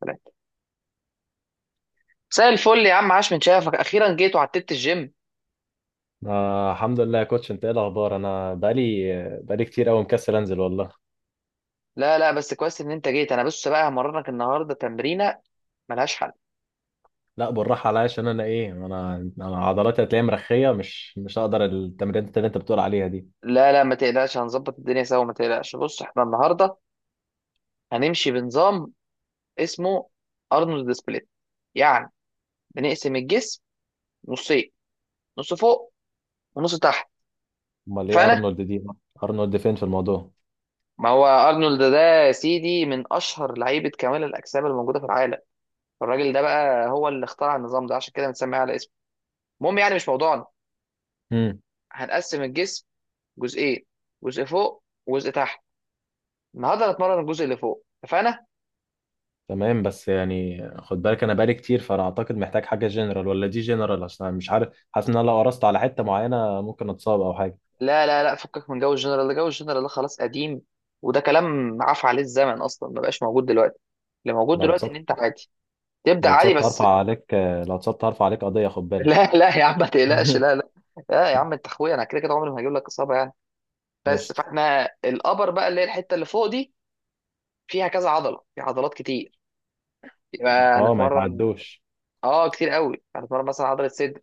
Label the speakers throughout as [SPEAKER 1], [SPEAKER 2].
[SPEAKER 1] ثلاثة. مساء الفل يا عم، عاش من شافك، اخيرا جيت وعتبت الجيم.
[SPEAKER 2] آه الحمد لله يا كوتش، انت ايه الاخبار؟ انا بقالي كتير قوي مكسل انزل والله.
[SPEAKER 1] لا لا، بس كويس ان انت جيت. انا بص بقى همرنك النهارده تمرينه ملهاش حل.
[SPEAKER 2] لا بالراحه عليا، عشان انا ايه، انا عضلاتي هتلاقيها مرخيه، مش هقدر التمرينات اللي انت بتقول عليها دي.
[SPEAKER 1] لا لا ما تقلقش، هنظبط الدنيا سوا، ما تقلقش. بص احنا النهارده هنمشي بنظام اسمه ارنولد سبليت، يعني بنقسم الجسم نصين، نص فوق ونص تحت.
[SPEAKER 2] امال ايه
[SPEAKER 1] اتفقنا؟
[SPEAKER 2] ارنولد دي؟ ارنولد فين في الموضوع؟
[SPEAKER 1] ما هو ارنولد ده يا سيدي من اشهر لعيبه كمال الاجسام اللي موجوده في العالم. الراجل ده بقى هو اللي اخترع النظام ده، عشان كده بنسميه على اسمه. المهم يعني مش موضوعنا.
[SPEAKER 2] امم
[SPEAKER 1] هنقسم الجسم جزئين، جزء فوق وجزء تحت. النهارده هنتمرن الجزء اللي فوق، اتفقنا؟
[SPEAKER 2] تمام، بس يعني خد بالك انا بقالي كتير، فانا اعتقد محتاج حاجه جنرال، ولا دي جنرال؟ عشان انا مش عارف، حاسس ان انا لو قرصت على حته معينه ممكن اتصاب او حاجه.
[SPEAKER 1] لا لا لا، فكك من جو الجنرال ده، جو الجنرال ده خلاص قديم، وده كلام عفى عليه الزمن اصلا، ما بقاش موجود دلوقتي. اللي موجود
[SPEAKER 2] لو
[SPEAKER 1] دلوقتي ان انت
[SPEAKER 2] اتصبت،
[SPEAKER 1] عادي، تبدا
[SPEAKER 2] لو
[SPEAKER 1] عادي
[SPEAKER 2] اتصبت
[SPEAKER 1] بس.
[SPEAKER 2] هرفع عليك، لو اتصبت هرفع عليك قضيه خد بالك.
[SPEAKER 1] لا لا يا عم ما تقلقش، لا لا. لا يا عم انت اخويا، انا كده كده عمري ما هجيب لك اصابه يعني. بس
[SPEAKER 2] قشطه.
[SPEAKER 1] فاحنا الابر بقى اللي هي الحته اللي فوق دي، فيها كذا عضله، في عضلات كتير، يبقى
[SPEAKER 2] اه ما
[SPEAKER 1] هنتمرن.
[SPEAKER 2] يتعدوش.
[SPEAKER 1] اه كتير قوي، هنتمرن مثلا عضله صدر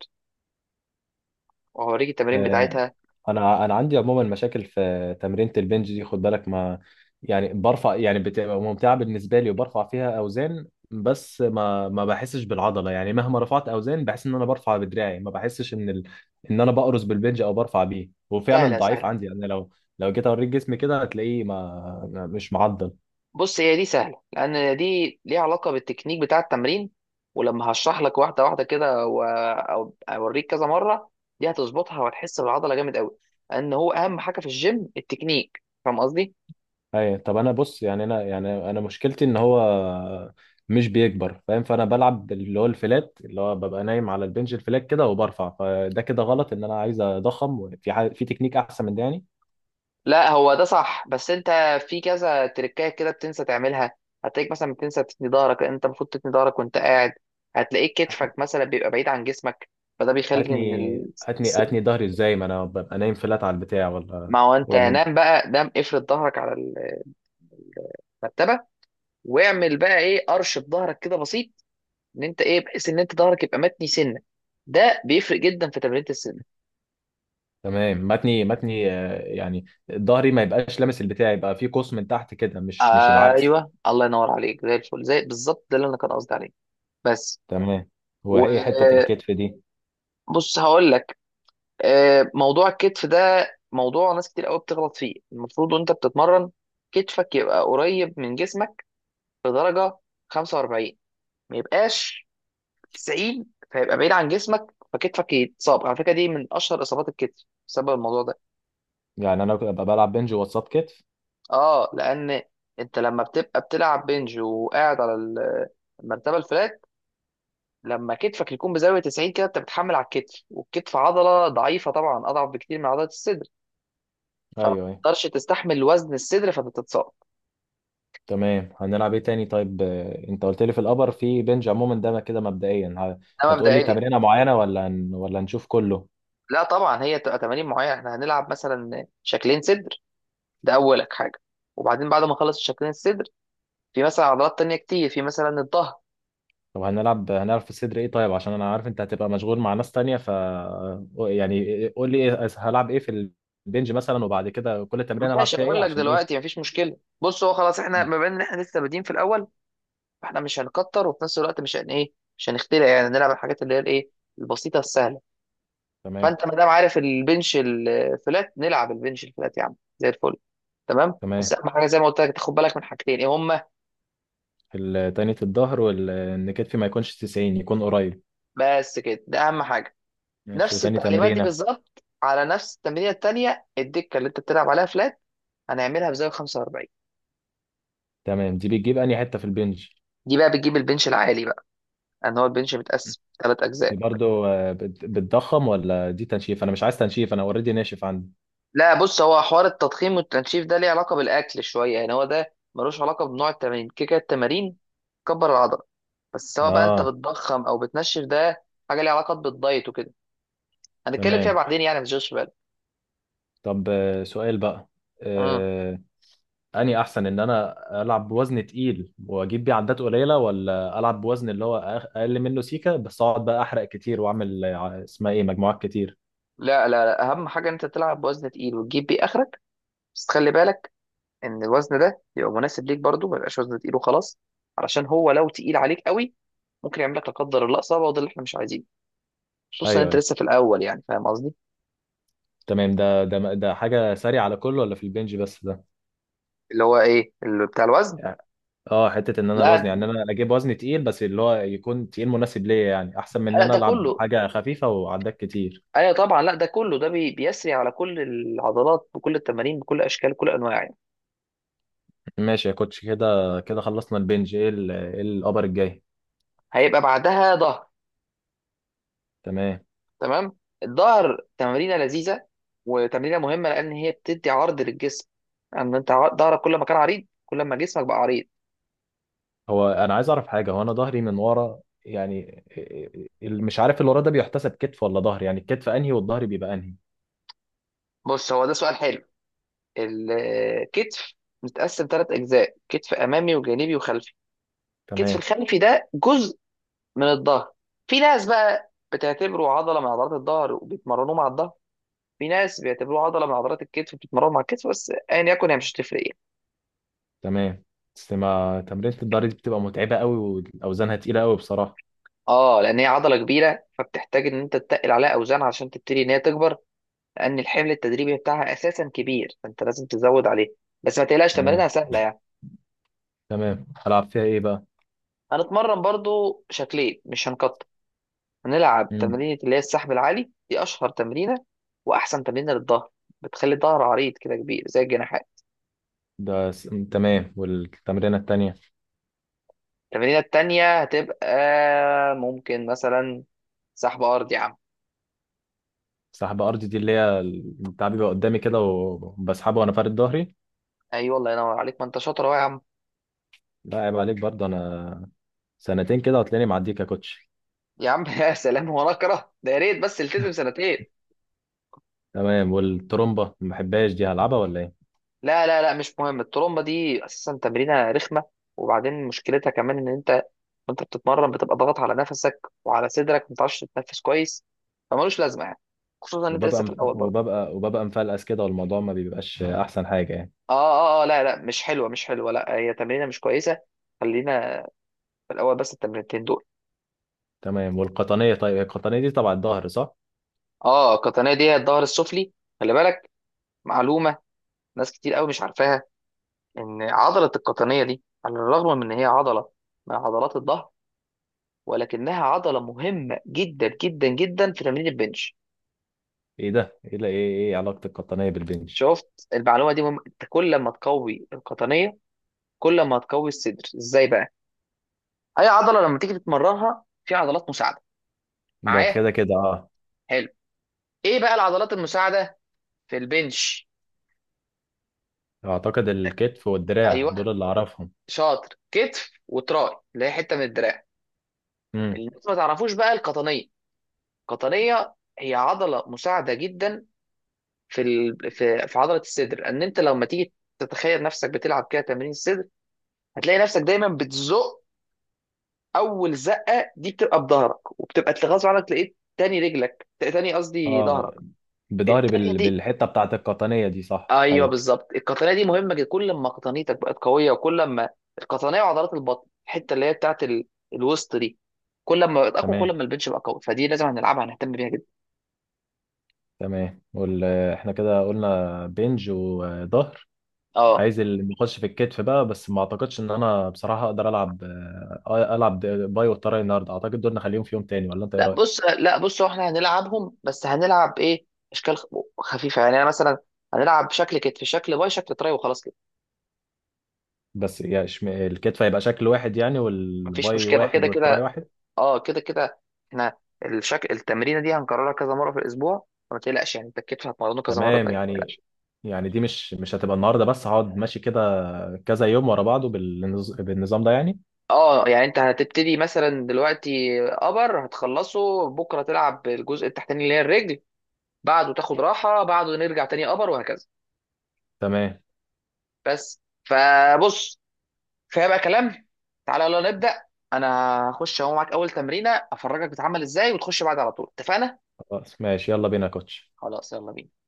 [SPEAKER 1] وهوريك التمارين
[SPEAKER 2] آه،
[SPEAKER 1] بتاعتها.
[SPEAKER 2] انا عندي عموما مشاكل في تمرينة البنج دي، خد بالك. ما يعني برفع، يعني بتبقى ممتعة بالنسبة لي وبرفع فيها اوزان، بس ما بحسش بالعضلة، يعني مهما رفعت اوزان بحس ان انا برفع بدراعي، ما بحسش ان ان انا بقرص بالبنج او برفع بيه، وفعلا
[SPEAKER 1] سهله
[SPEAKER 2] ضعيف
[SPEAKER 1] سهله.
[SPEAKER 2] عندي يعني. لو جيت اوريك جسمي كده هتلاقيه مش معضل.
[SPEAKER 1] بص، هي دي سهله لان دي ليها علاقه بالتكنيك بتاع التمرين، ولما هشرح لك واحده واحده كده او اوريك كذا مره، دي هتظبطها وهتحس بالعضله جامد قوي، لان هو اهم حاجه في الجيم التكنيك، فاهم قصدي؟
[SPEAKER 2] اي، طب انا بص، يعني انا، يعني انا مشكلتي ان هو مش بيكبر، فاهم؟ فانا بلعب اللي هو الفلات، اللي هو ببقى نايم على البنش الفلات كده وبرفع، فده كده غلط. ان انا عايز اضخم في في تكنيك احسن من ده يعني.
[SPEAKER 1] لا هو ده صح، بس انت في كذا تريكايه كده بتنسى تعملها. هتلاقيك مثلا بتنسى تثني ظهرك، لأن انت المفروض تثني ظهرك وانت قاعد. هتلاقيك
[SPEAKER 2] هات-
[SPEAKER 1] كتفك مثلا بيبقى بعيد عن جسمك، فده بيخلي
[SPEAKER 2] هاتني هاتني ظهري ازاي ما انا ببقى نايم فلات على البتاع
[SPEAKER 1] ما
[SPEAKER 2] ولا
[SPEAKER 1] هو انت
[SPEAKER 2] ولا إيه؟
[SPEAKER 1] نام بقى، نام افرد ظهرك على المرتبه، واعمل بقى ايه، قرش في ظهرك كده بسيط، ان انت ايه، بحيث ان انت ظهرك يبقى متني سنه. ده بيفرق جدا في تمرينة السن.
[SPEAKER 2] تمام، متني يعني ظهري ما يبقاش لامس البتاع، يبقى في قوس من تحت كده، مش العكس.
[SPEAKER 1] ايوه، الله ينور عليك، زي الفل، زي بالظبط ده اللي انا كان قصدي عليه بس.
[SPEAKER 2] تمام، هو
[SPEAKER 1] وبص
[SPEAKER 2] ايه حتة الكتف دي؟
[SPEAKER 1] هقول لك، موضوع الكتف ده موضوع ناس كتير قوي بتغلط فيه. المفروض وانت بتتمرن كتفك يبقى قريب من جسمك بدرجه 45، ما يبقاش 90 فيبقى بعيد عن جسمك. فكتفك يتصاب، على فكره دي من اشهر اصابات الكتف بسبب الموضوع ده.
[SPEAKER 2] يعني انا ببقى بلعب بنج وسط كتف.
[SPEAKER 1] اه لان انت لما بتبقى بتلعب بنج وقاعد على المرتبه الفلات، لما كتفك يكون بزاويه 90 كده انت بتحمل على الكتف، والكتف عضله ضعيفه طبعا، اضعف بكتير من عضله الصدر،
[SPEAKER 2] ايوه،
[SPEAKER 1] فما
[SPEAKER 2] أيوة.
[SPEAKER 1] تقدرش تستحمل وزن الصدر فبتتصاب.
[SPEAKER 2] تمام، هنلعب ايه تاني طيب؟ انت قلت لي في الابر في بنج عموما ده كده مبدئيا،
[SPEAKER 1] ده
[SPEAKER 2] هتقول لي
[SPEAKER 1] مبدئيا.
[SPEAKER 2] تمرينه معينه ولا ولا نشوف كله؟
[SPEAKER 1] لا طبعا، هي تبقى تمارين معينه، احنا هنلعب مثلا شكلين صدر، ده اولك حاجه، وبعدين بعد ما نخلص الشكلين الصدر في مثلا عضلات تانية كتير، في مثلا الظهر.
[SPEAKER 2] طب هنلعب في الصدر ايه طيب؟ عشان انا عارف انت هتبقى مشغول مع ناس تانية، ف يعني قول لي هلعب ايه في البنج مثلا، وبعد كده كل تمرين العب
[SPEAKER 1] ماشي،
[SPEAKER 2] فيها ايه
[SPEAKER 1] اقول لك
[SPEAKER 2] عشان ايه؟
[SPEAKER 1] دلوقتي مفيش مشكله. بص هو خلاص احنا
[SPEAKER 2] مم.
[SPEAKER 1] بما ان احنا لسه بادئين في الاول، فاحنا مش هنكتر، وفي نفس الوقت مش هن ايه مش هنخترع يعني، نلعب الحاجات اللي هي الايه، البسيطه السهله.
[SPEAKER 2] تمام.
[SPEAKER 1] فانت ما دام عارف البنش الفلات، نلعب البنش الفلات يا عم زي الفل، تمام، بس
[SPEAKER 2] تمام،
[SPEAKER 1] اهم حاجه زي ما قلت لك تاخد بالك من حاجتين، ايه هما؟
[SPEAKER 2] تانية الظهر، وان كتفي ما يكونش 90، يكون قريب.
[SPEAKER 1] بس كده، ده اهم حاجه.
[SPEAKER 2] ماشي،
[SPEAKER 1] نفس
[SPEAKER 2] وتاني
[SPEAKER 1] التعليمات دي
[SPEAKER 2] تمرينه؟
[SPEAKER 1] بالظبط على نفس التمرينه التانيه، الدكه اللي انت بتلعب عليها فلات هنعملها بزاويه 45.
[SPEAKER 2] تمام، دي بتجيب انهي حته في البنج؟
[SPEAKER 1] دي بقى بتجيب البنش العالي بقى، ان هو البنش متقسم ثلاث
[SPEAKER 2] دي
[SPEAKER 1] اجزاء.
[SPEAKER 2] برضو بتضخم ولا دي تنشيف؟ انا مش عايز تنشيف، انا اوريدي ناشف عندي.
[SPEAKER 1] لا بص، هو حوار التضخيم والتنشيف ده ليه علاقة بالأكل شوية يعني، هو ده ملوش علاقة بنوع التمارين. كده كده التمارين كبر العضلة، بس سواء بقى أنت
[SPEAKER 2] اه.
[SPEAKER 1] بتضخم أو بتنشف ده حاجة ليها علاقة بالدايت وكده، هنتكلم فيها
[SPEAKER 2] تمام.
[SPEAKER 1] بعدين يعني، ما تشغلش بالك.
[SPEAKER 2] طب سؤال بقى،
[SPEAKER 1] اه.
[SPEAKER 2] آه، اني احسن ان انا العب بوزن تقيل واجيب بيه عدات قليله، ولا العب بوزن اللي هو اقل منه سيكه، بس اقعد بقى احرق كتير واعمل اسمها ايه، مجموعات كتير؟
[SPEAKER 1] لا لا لا، أهم حاجة إن أنت تلعب بوزن تقيل وتجيب بيه آخرك، بس خلي بالك إن الوزن ده يبقى مناسب ليك برضه، ما يبقاش وزن تقيل وخلاص، علشان هو لو تقيل عليك قوي ممكن يعمل لك لا قدر الله إصابة، وده اللي إحنا مش عايزينه، خصوصا إن
[SPEAKER 2] ايوه
[SPEAKER 1] أنت
[SPEAKER 2] ايوه.
[SPEAKER 1] لسه في الأول يعني، فاهم قصدي؟
[SPEAKER 2] تمام، ده حاجه سريعه على كله ولا في البنج بس ده؟
[SPEAKER 1] اللي هو إيه اللي بتاع الوزن.
[SPEAKER 2] اه حته ان انا الوزن،
[SPEAKER 1] لا
[SPEAKER 2] يعني انا اجيب وزن تقيل بس اللي هو يكون تقيل مناسب ليا، يعني احسن من ان
[SPEAKER 1] لا
[SPEAKER 2] انا
[SPEAKER 1] ده
[SPEAKER 2] العب
[SPEAKER 1] كله،
[SPEAKER 2] حاجه خفيفه وعداك كتير.
[SPEAKER 1] ايوه طبعا، لا ده كله ده بيسري على كل العضلات، بكل التمارين، بكل اشكال، كل انواع يعني.
[SPEAKER 2] ماشي يا كوتش، كده كده خلصنا البنج. ايه ايه الابر الجاي؟
[SPEAKER 1] هيبقى بعدها ظهر.
[SPEAKER 2] تمام.
[SPEAKER 1] تمام. الظهر تمرينه لذيذه وتمرينه مهمه، لان هي بتدي عرض للجسم، ان انت ظهرك كل ما كان عريض كل ما جسمك بقى عريض.
[SPEAKER 2] هو انا عايز اعرف حاجه، هو انا ظهري من ورا، يعني مش عارف، اللي ورا ده بيحتسب كتف ولا ظهر؟ يعني الكتف انهي والظهر بيبقى انهي؟
[SPEAKER 1] بص هو ده سؤال حلو. الكتف متقسم ثلاث اجزاء، كتف امامي وجانبي وخلفي. الكتف
[SPEAKER 2] تمام.
[SPEAKER 1] الخلفي ده جزء من الظهر، في ناس بقى بتعتبره عضله من عضلات الظهر وبيتمرنوه مع الظهر، في ناس بيعتبروها عضله من عضلات الكتف بتتمرن مع الكتف، بس ايا يكن هي مش هتفرق ايه.
[SPEAKER 2] تمام، بس ما تمرينة الظهر دي بتبقى متعبه قوي واوزانها تقيله قوي بصراحه.
[SPEAKER 1] اه لان هي عضله كبيره، فبتحتاج ان انت تتقل عليها اوزان عشان تبتدي ان هي تكبر، لان الحمل التدريبي بتاعها اساسا كبير فانت لازم تزود عليه، بس ما تقلقش تمارينها
[SPEAKER 2] تمام.
[SPEAKER 1] سهله يعني.
[SPEAKER 2] تمام، هلعب فيها ايه بقى؟
[SPEAKER 1] هنتمرن برضو شكلين، مش هنقطع. هنلعب
[SPEAKER 2] مم.
[SPEAKER 1] تمرينه اللي هي السحب العالي، دي اشهر تمرينه واحسن تمرينه للظهر، بتخلي الظهر عريض كده كبير زي الجناحات.
[SPEAKER 2] ده س... تمام، والتمرينه التانيه؟
[SPEAKER 1] التمرينه التانيه هتبقى ممكن مثلا سحب ارضي يا عم.
[SPEAKER 2] سحب ارضي، دي اللي هي بتاع بيبقى قدامي كده وبسحبه وانا فارد ظهري؟
[SPEAKER 1] ايوه الله ينور عليك، ما انت شاطر اهو يا عم.
[SPEAKER 2] لا عيب عليك، برضه انا سنتين كده هتلاقيني معديك يا كوتش.
[SPEAKER 1] يا عم يا سلام، هو انا اكره ده، يا ريت بس التزم سنتين.
[SPEAKER 2] تمام، والترومبه ما بحبهاش، دي هلعبها ولا ايه؟
[SPEAKER 1] لا لا لا مش مهم الترومبه دي اساسا تمرينه رخمه، وبعدين مشكلتها كمان ان انت وانت بتتمرن بتبقى ضاغط على نفسك وعلى صدرك، ما بتعرفش تتنفس كويس، فمالوش لازمه يعني، خصوصا ان انت لسه في
[SPEAKER 2] وببقى
[SPEAKER 1] الاول برضه.
[SPEAKER 2] وببقى وببقى مفلقس كده، والموضوع ما بيبقاش احسن حاجه يعني.
[SPEAKER 1] اه اه اه، لا لا مش حلوه، مش حلوه، لا هي تمرينه مش كويسه. خلينا في الاول بس التمرينتين دول.
[SPEAKER 2] تمام، والقطنيه؟ طيب القطنيه دي تبع الظهر صح؟
[SPEAKER 1] اه القطنيه دي هي الظهر السفلي، خلي بالك، معلومه ناس كتير قوي مش عارفاها، إن عضلة القطنية دي على الرغم من إن هي عضلة من عضلات الظهر، ولكنها عضلة مهمة جدا جدا جدا في تمرين البنش.
[SPEAKER 2] ايه ده؟ ايه ده؟ ايه علاقه القطنيه بالبنش؟
[SPEAKER 1] شفت المعلومة دي مهمة، أنت كل ما تقوي القطنية كل ما هتقوي الصدر. إزاي بقى؟ أي عضلة لما تيجي تتمرنها في عضلات مساعدة،
[SPEAKER 2] ده
[SPEAKER 1] معايا؟
[SPEAKER 2] كده كده اه.
[SPEAKER 1] حلو. إيه بقى العضلات المساعدة في البنش؟
[SPEAKER 2] اعتقد الكتف والدراع،
[SPEAKER 1] أيوه،
[SPEAKER 2] دول اللي اعرفهم.
[SPEAKER 1] شاطر، كتف وتراي اللي هي حتة من الدراع.
[SPEAKER 2] امم
[SPEAKER 1] اللي الناس ما تعرفوش بقى القطنية، القطنية هي عضلة مساعدة جدا في ال... في في عضله الصدر، ان انت لما تيجي تتخيل نفسك بتلعب كده تمرين الصدر هتلاقي نفسك دايما بتزق، اول زقه دي بتبقى بظهرك وبتبقى غصب عنك تلاقيت تاني رجلك تاني قصدي ظهرك
[SPEAKER 2] اه، بظهري
[SPEAKER 1] التانيه دي.
[SPEAKER 2] بالحته بتاعت القطنيه دي صح؟
[SPEAKER 1] ايوه
[SPEAKER 2] ايوه.
[SPEAKER 1] بالظبط، القطنيه دي مهمه جدا. كل ما قطنيتك بقت قويه، وكل ما القطنيه وعضلات البطن الحته اللي هي بتاعت ال... الوسط دي، كل ما بقت اقوى كل
[SPEAKER 2] تمام.
[SPEAKER 1] ما البنش بقى قوي، فدي لازم هنلعبها هنهتم بيها جدا.
[SPEAKER 2] تمام، احنا كده قلنا بنج وظهر.
[SPEAKER 1] اه.
[SPEAKER 2] عايز اللي نخش في الكتف بقى، بس ما اعتقدش ان انا بصراحة اقدر العب، العب باي والتراي النهارده، اعتقد دول نخليهم في يوم تاني، ولا انت ايه
[SPEAKER 1] لا
[SPEAKER 2] رأيك؟
[SPEAKER 1] بص، لا بص، هو احنا هنلعبهم بس هنلعب ايه، اشكال خفيفه يعني. انا مثلا هنلعب شكل كتف، شكل باي، شكل تراي، وخلاص كده،
[SPEAKER 2] بس يعني الكتف هيبقى شكل واحد يعني،
[SPEAKER 1] مفيش
[SPEAKER 2] والباي
[SPEAKER 1] مشكله، كده
[SPEAKER 2] واحد والتراي
[SPEAKER 1] كده
[SPEAKER 2] واحد؟
[SPEAKER 1] اه كده كده احنا الشكل التمرينه دي هنكررها كذا مره في الاسبوع، فما تقلقش يعني انت الكتف هتمرنه كذا مره
[SPEAKER 2] تمام.
[SPEAKER 1] تانية، ما
[SPEAKER 2] يعني،
[SPEAKER 1] تقلقش.
[SPEAKER 2] يعني دي مش هتبقى النهارده بس، هقعد ماشي كده كذا يوم ورا بعضه بالنظام ده يعني؟
[SPEAKER 1] اه يعني انت هتبتدي مثلا دلوقتي ابر، هتخلصه بكره تلعب الجزء التحتاني اللي هي الرجل، بعده تاخد راحه، بعده نرجع تاني ابر، وهكذا.
[SPEAKER 2] تمام.
[SPEAKER 1] بس فبص، فيبقى كلام. تعالى يلا نبدأ. انا هخش اهو معاك اول تمرينة افرجك بتعمل ازاي، وتخش بعد على طول، اتفقنا؟
[SPEAKER 2] خلاص ماشي، يلا بينا يا كوتش.
[SPEAKER 1] خلاص يلا بينا.